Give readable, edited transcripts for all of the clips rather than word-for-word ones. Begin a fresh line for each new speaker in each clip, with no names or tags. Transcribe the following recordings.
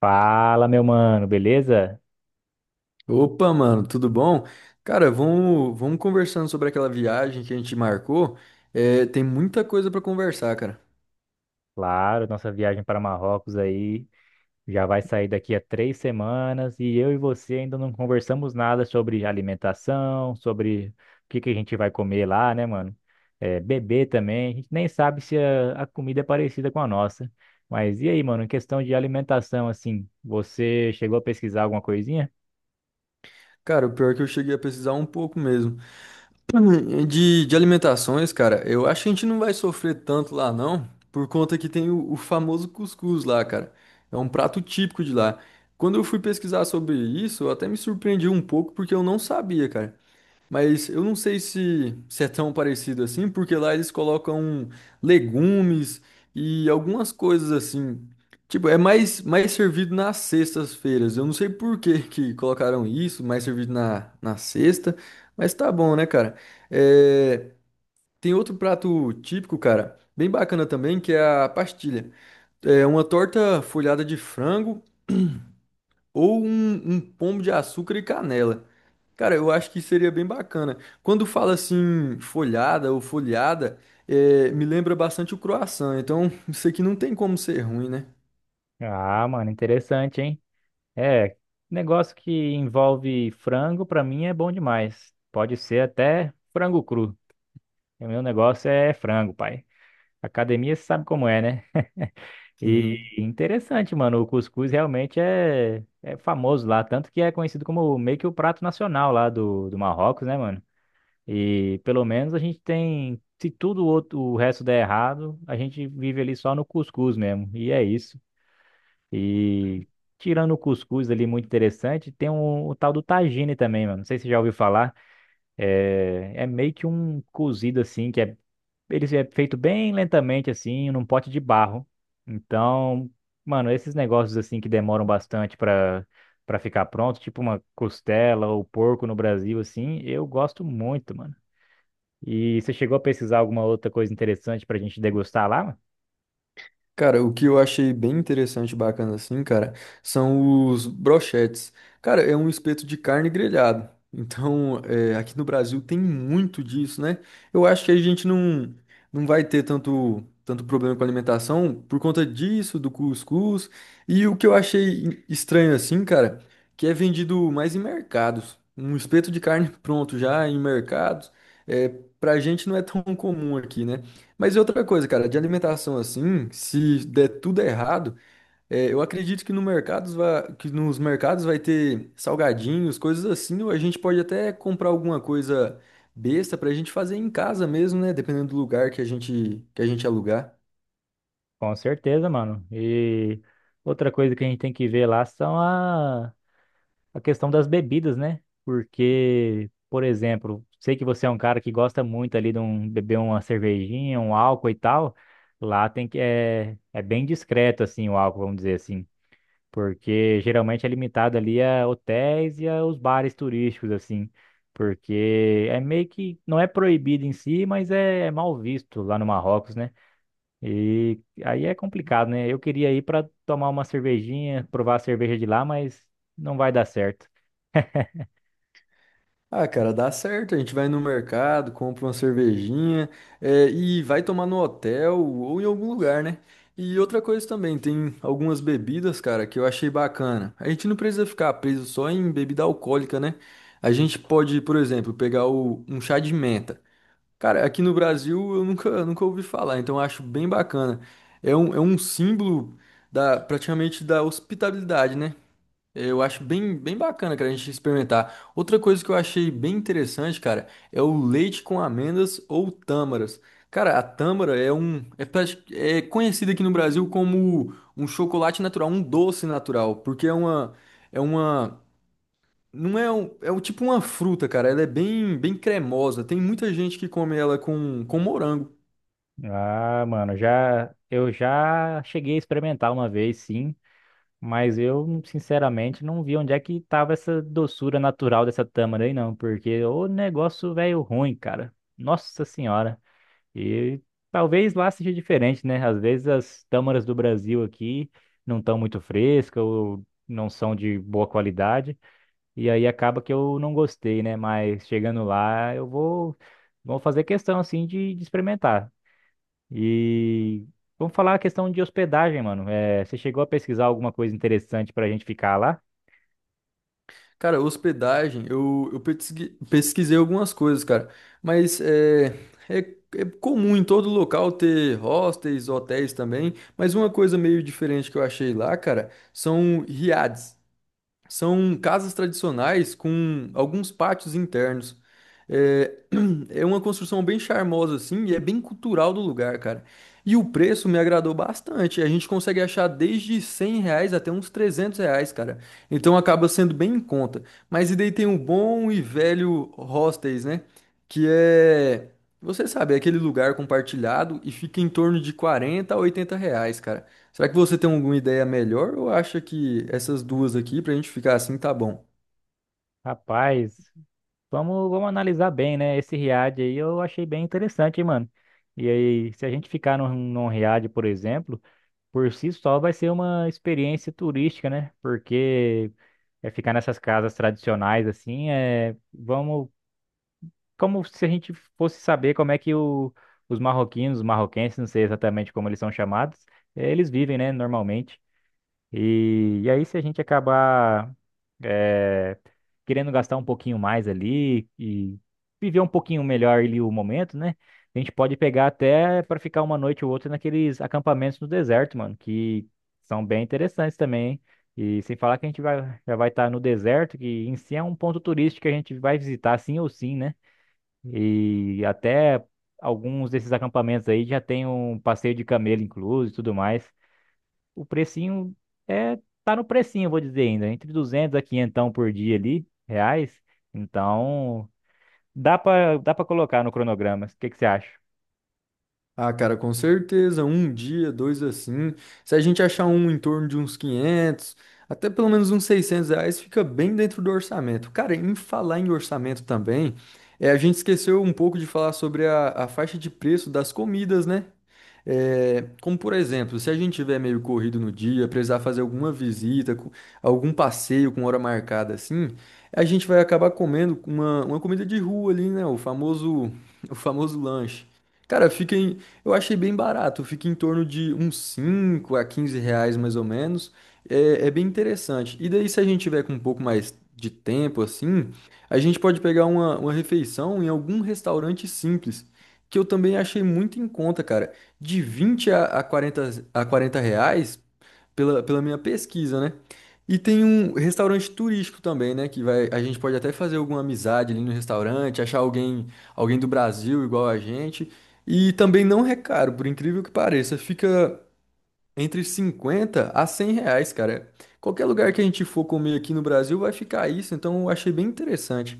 Fala, meu mano, beleza?
Opa, mano, tudo bom? Cara, vamos conversando sobre aquela viagem que a gente marcou. É, tem muita coisa pra conversar, cara.
Claro, nossa viagem para Marrocos aí já vai sair daqui a 3 semanas e eu e você ainda não conversamos nada sobre alimentação, sobre o que a gente vai comer lá, né, mano? É, beber também, a gente nem sabe se a comida é parecida com a nossa. Mas e aí, mano, em questão de alimentação, assim, você chegou a pesquisar alguma coisinha?
Cara, o pior é que eu cheguei a pesquisar um pouco mesmo. De alimentações, cara, eu acho que a gente não vai sofrer tanto lá, não, por conta que tem o famoso cuscuz lá, cara. É um prato típico de lá. Quando eu fui pesquisar sobre isso, eu até me surpreendi um pouco porque eu não sabia, cara. Mas eu não sei se é tão parecido assim, porque lá eles colocam legumes e algumas coisas assim. Tipo, é mais servido nas sextas-feiras. Eu não sei por que que colocaram isso, mais servido na sexta, mas tá bom, né, cara? É, tem outro prato típico, cara, bem bacana também, que é a pastilha. É uma torta folhada de frango ou um pombo de açúcar e canela. Cara, eu acho que seria bem bacana. Quando fala assim, folhada ou folhada, é, me lembra bastante o croissant. Então, isso aqui não tem como ser ruim, né?
Ah, mano, interessante, hein? É, negócio que envolve frango, pra mim é bom demais. Pode ser até frango cru. O meu negócio é frango, pai. Academia você sabe como é, né? E interessante, mano. O cuscuz realmente é famoso lá. Tanto que é conhecido como meio que o prato nacional lá do Marrocos, né, mano? E pelo menos a gente tem. Se tudo o outro, o resto der errado, a gente vive ali só no cuscuz mesmo. E é isso. E tirando o cuscuz ali, muito interessante, tem um, o tal do tagine também, mano. Não sei se você já ouviu falar. É, é meio que um cozido assim, que é, ele é feito bem lentamente assim, num pote de barro. Então, mano, esses negócios assim que demoram bastante para ficar pronto, tipo uma costela ou porco no Brasil assim, eu gosto muito, mano. E você chegou a pesquisar alguma outra coisa interessante pra gente degustar lá, mano?
Cara, o que eu achei bem interessante e bacana assim, cara, são os brochetes. Cara, é um espeto de carne grelhado. Então, é, aqui no Brasil tem muito disso, né? Eu acho que a gente não vai ter tanto problema com alimentação por conta disso, do cuscuz. E o que eu achei estranho assim, cara, que é vendido mais em mercados. Um espeto de carne pronto já em mercados. É, pra gente não é tão comum aqui, né? Mas e outra coisa, cara, de alimentação assim, se der tudo errado, é, eu acredito que, no mercados va- que nos mercados vai ter salgadinhos, coisas assim, ou a gente pode até comprar alguma coisa besta pra gente fazer em casa mesmo, né? Dependendo do lugar que a gente alugar.
Com certeza, mano. E outra coisa que a gente tem que ver lá são a questão das bebidas, né? Porque, por exemplo, sei que você é um cara que gosta muito ali de um, beber uma cervejinha, um álcool e tal. Lá tem que é, é bem discreto assim o álcool, vamos dizer assim, porque geralmente é limitado ali a hotéis e aos bares turísticos assim, porque é meio que não é proibido em si, mas é, é mal visto lá no Marrocos, né? E aí é complicado, né? Eu queria ir para tomar uma cervejinha, provar a cerveja de lá, mas não vai dar certo.
Ah, cara, dá certo. A gente vai no mercado, compra uma cervejinha, e vai tomar no hotel ou em algum lugar, né? E outra coisa também, tem algumas bebidas, cara, que eu achei bacana. A gente não precisa ficar preso só em bebida alcoólica, né? A gente pode, por exemplo, pegar um chá de menta. Cara, aqui no Brasil eu nunca ouvi falar, então eu acho bem bacana. É um símbolo da, praticamente da hospitalidade, né? Eu acho bem bacana, cara, a gente experimentar. Outra coisa que eu achei bem interessante, cara, é o leite com amêndoas ou tâmaras. Cara, a tâmara é conhecida aqui no Brasil como um chocolate natural, um doce natural, porque é uma, não é um, é um, tipo uma fruta, cara. Ela é bem cremosa. Tem muita gente que come ela com morango.
Ah, mano, já eu já cheguei a experimentar uma vez, sim, mas eu sinceramente não vi onde é que tava essa doçura natural dessa tâmara aí, não, porque o negócio velho ruim, cara. Nossa senhora. E talvez lá seja diferente, né? Às vezes as tâmaras do Brasil aqui não estão muito frescas ou não são de boa qualidade. E aí acaba que eu não gostei, né? Mas chegando lá, eu vou, vou fazer questão, assim, de experimentar. E vamos falar a questão de hospedagem, mano. É, você chegou a pesquisar alguma coisa interessante pra gente ficar lá?
Cara, hospedagem, pesquisei algumas coisas, cara, mas é, é comum em todo local ter hostels, hotéis também, mas uma coisa meio diferente que eu achei lá, cara, são riades. São casas tradicionais com alguns pátios internos. Eh, Sim, é uma construção bem charmosa, assim, e é bem cultural do lugar, cara. E o preço me agradou bastante. A gente consegue achar desde 100 reais até uns 300 reais, cara. Então acaba sendo bem em conta. Mas e daí tem o bom e velho hostels, né? Que é, você sabe, é aquele lugar compartilhado e fica em torno de 40 a 80 reais, cara. Será que você tem alguma ideia melhor ou acha que essas duas aqui, pra gente ficar assim, tá bom?
Rapaz, vamos, vamos analisar bem, né? Esse Riad aí eu achei bem interessante, hein, mano. E aí, se a gente ficar num Riad, por exemplo, por si só vai ser uma experiência turística, né? Porque é ficar nessas casas tradicionais, assim, é, vamos como se a gente fosse saber como é que o, os marroquinos, os marroquenses, não sei exatamente como eles são chamados, eles vivem, né, normalmente. E aí, se a gente acabar eh, querendo gastar um pouquinho mais ali e viver um pouquinho melhor ali o momento, né? A gente pode pegar até para ficar uma noite ou outra naqueles acampamentos no deserto, mano, que são bem interessantes também, hein? E sem falar que a gente vai, já vai estar no deserto, que em si é um ponto turístico que a gente vai visitar sim ou sim, né? E até alguns desses acampamentos aí já tem um passeio de camelo incluso e tudo mais. O precinho é tá no precinho, eu vou dizer ainda, entre 200 a 500 por dia ali, reais. Então, dá para colocar no cronograma. O que que você acha?
Ah, cara, com certeza, um dia, dois assim. Se a gente achar um em torno de uns 500, até pelo menos uns 600 reais, fica bem dentro do orçamento. Cara, em falar em orçamento também, é, a gente esqueceu um pouco de falar sobre a faixa de preço das comidas, né? É, como por exemplo, se a gente tiver meio corrido no dia, precisar fazer alguma visita, algum passeio com hora marcada assim, a gente vai acabar comendo uma comida de rua ali, né? O famoso, o famoso lanche. Cara, eu achei bem barato, fica em torno de uns 5 a 15 reais mais ou menos. É bem interessante. E daí, se a gente tiver com um pouco mais de tempo assim, a gente pode pegar uma refeição em algum restaurante simples, que eu também achei muito em conta, cara de 20 a 40 reais pela minha pesquisa, né? E tem um restaurante turístico também, né? A gente pode até fazer alguma amizade ali no restaurante, achar alguém do Brasil igual a gente. E também não é caro, por incrível que pareça. Fica entre 50 a 100 reais, cara. Qualquer lugar que a gente for comer aqui no Brasil vai ficar isso, então eu achei bem interessante.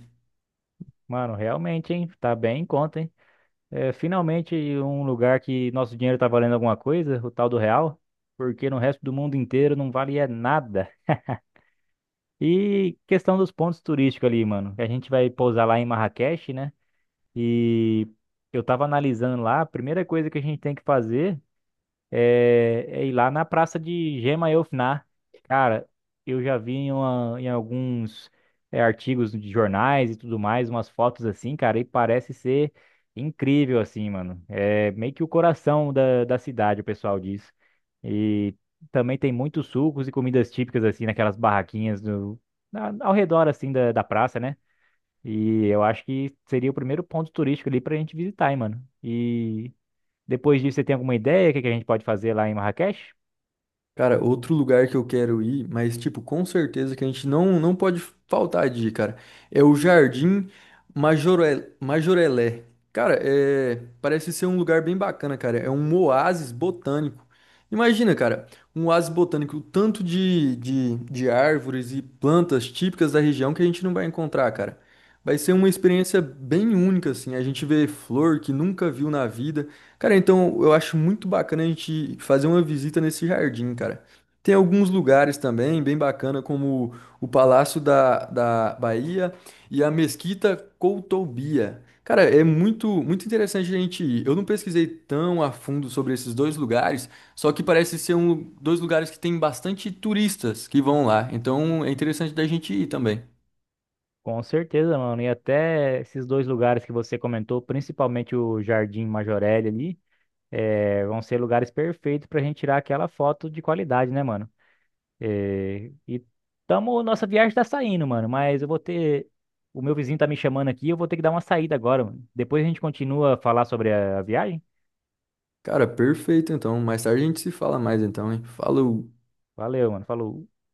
Mano, realmente, hein? Tá bem em conta, hein? É, finalmente um lugar que nosso dinheiro tá valendo alguma coisa, o tal do real, porque no resto do mundo inteiro não vale é nada. E questão dos pontos turísticos ali, mano. A gente vai pousar lá em Marrakech, né? E eu tava analisando lá, a primeira coisa que a gente tem que fazer é, é ir lá na praça de Gema Elfnar. Cara, eu já vi em, uma- em alguns é, artigos de jornais e tudo mais, umas fotos assim, cara, e parece ser incrível assim, mano. É meio que o coração da, da cidade, o pessoal diz. E também tem muitos sucos e comidas típicas assim, naquelas barraquinhas do, na- ao redor assim da, da praça, né? E eu acho que seria o primeiro ponto turístico ali pra gente visitar, hein, mano. E depois disso, você tem alguma ideia do que a gente pode fazer lá em Marrakech?
Cara, outro lugar que eu quero ir, mas tipo, com certeza que a gente não pode faltar de ir, cara, é o Jardim Majorel, Majorelé. Cara, é, parece ser um lugar bem bacana, cara. É um oásis botânico. Imagina, cara, um oásis botânico, o tanto de árvores e plantas típicas da região que a gente não vai encontrar, cara. Vai ser uma experiência bem única, assim. A gente vê flor que nunca viu na vida. Cara, então eu acho muito bacana a gente fazer uma visita nesse jardim, cara. Tem alguns lugares também bem bacana, como o Palácio da Bahia e a Mesquita Coutobia. Cara, é muito, muito interessante a gente ir. Eu não pesquisei tão a fundo sobre esses dois lugares, só que parece ser um, dois lugares que tem bastante turistas que vão lá. Então é interessante da gente ir também.
Com certeza, mano. E até esses dois lugares que você comentou, principalmente o Jardim Majorelle ali, vão ser lugares perfeitos pra gente tirar aquela foto de qualidade, né, mano? E tamo, nossa viagem tá saindo, mano. Mas eu vou ter. O meu vizinho tá me chamando aqui, eu vou ter que dar uma saída agora, mano. Depois a gente continua a falar sobre a viagem.
Cara, perfeito então. Mais tarde a gente se fala mais então, hein? Falou!
Valeu, mano. Falou.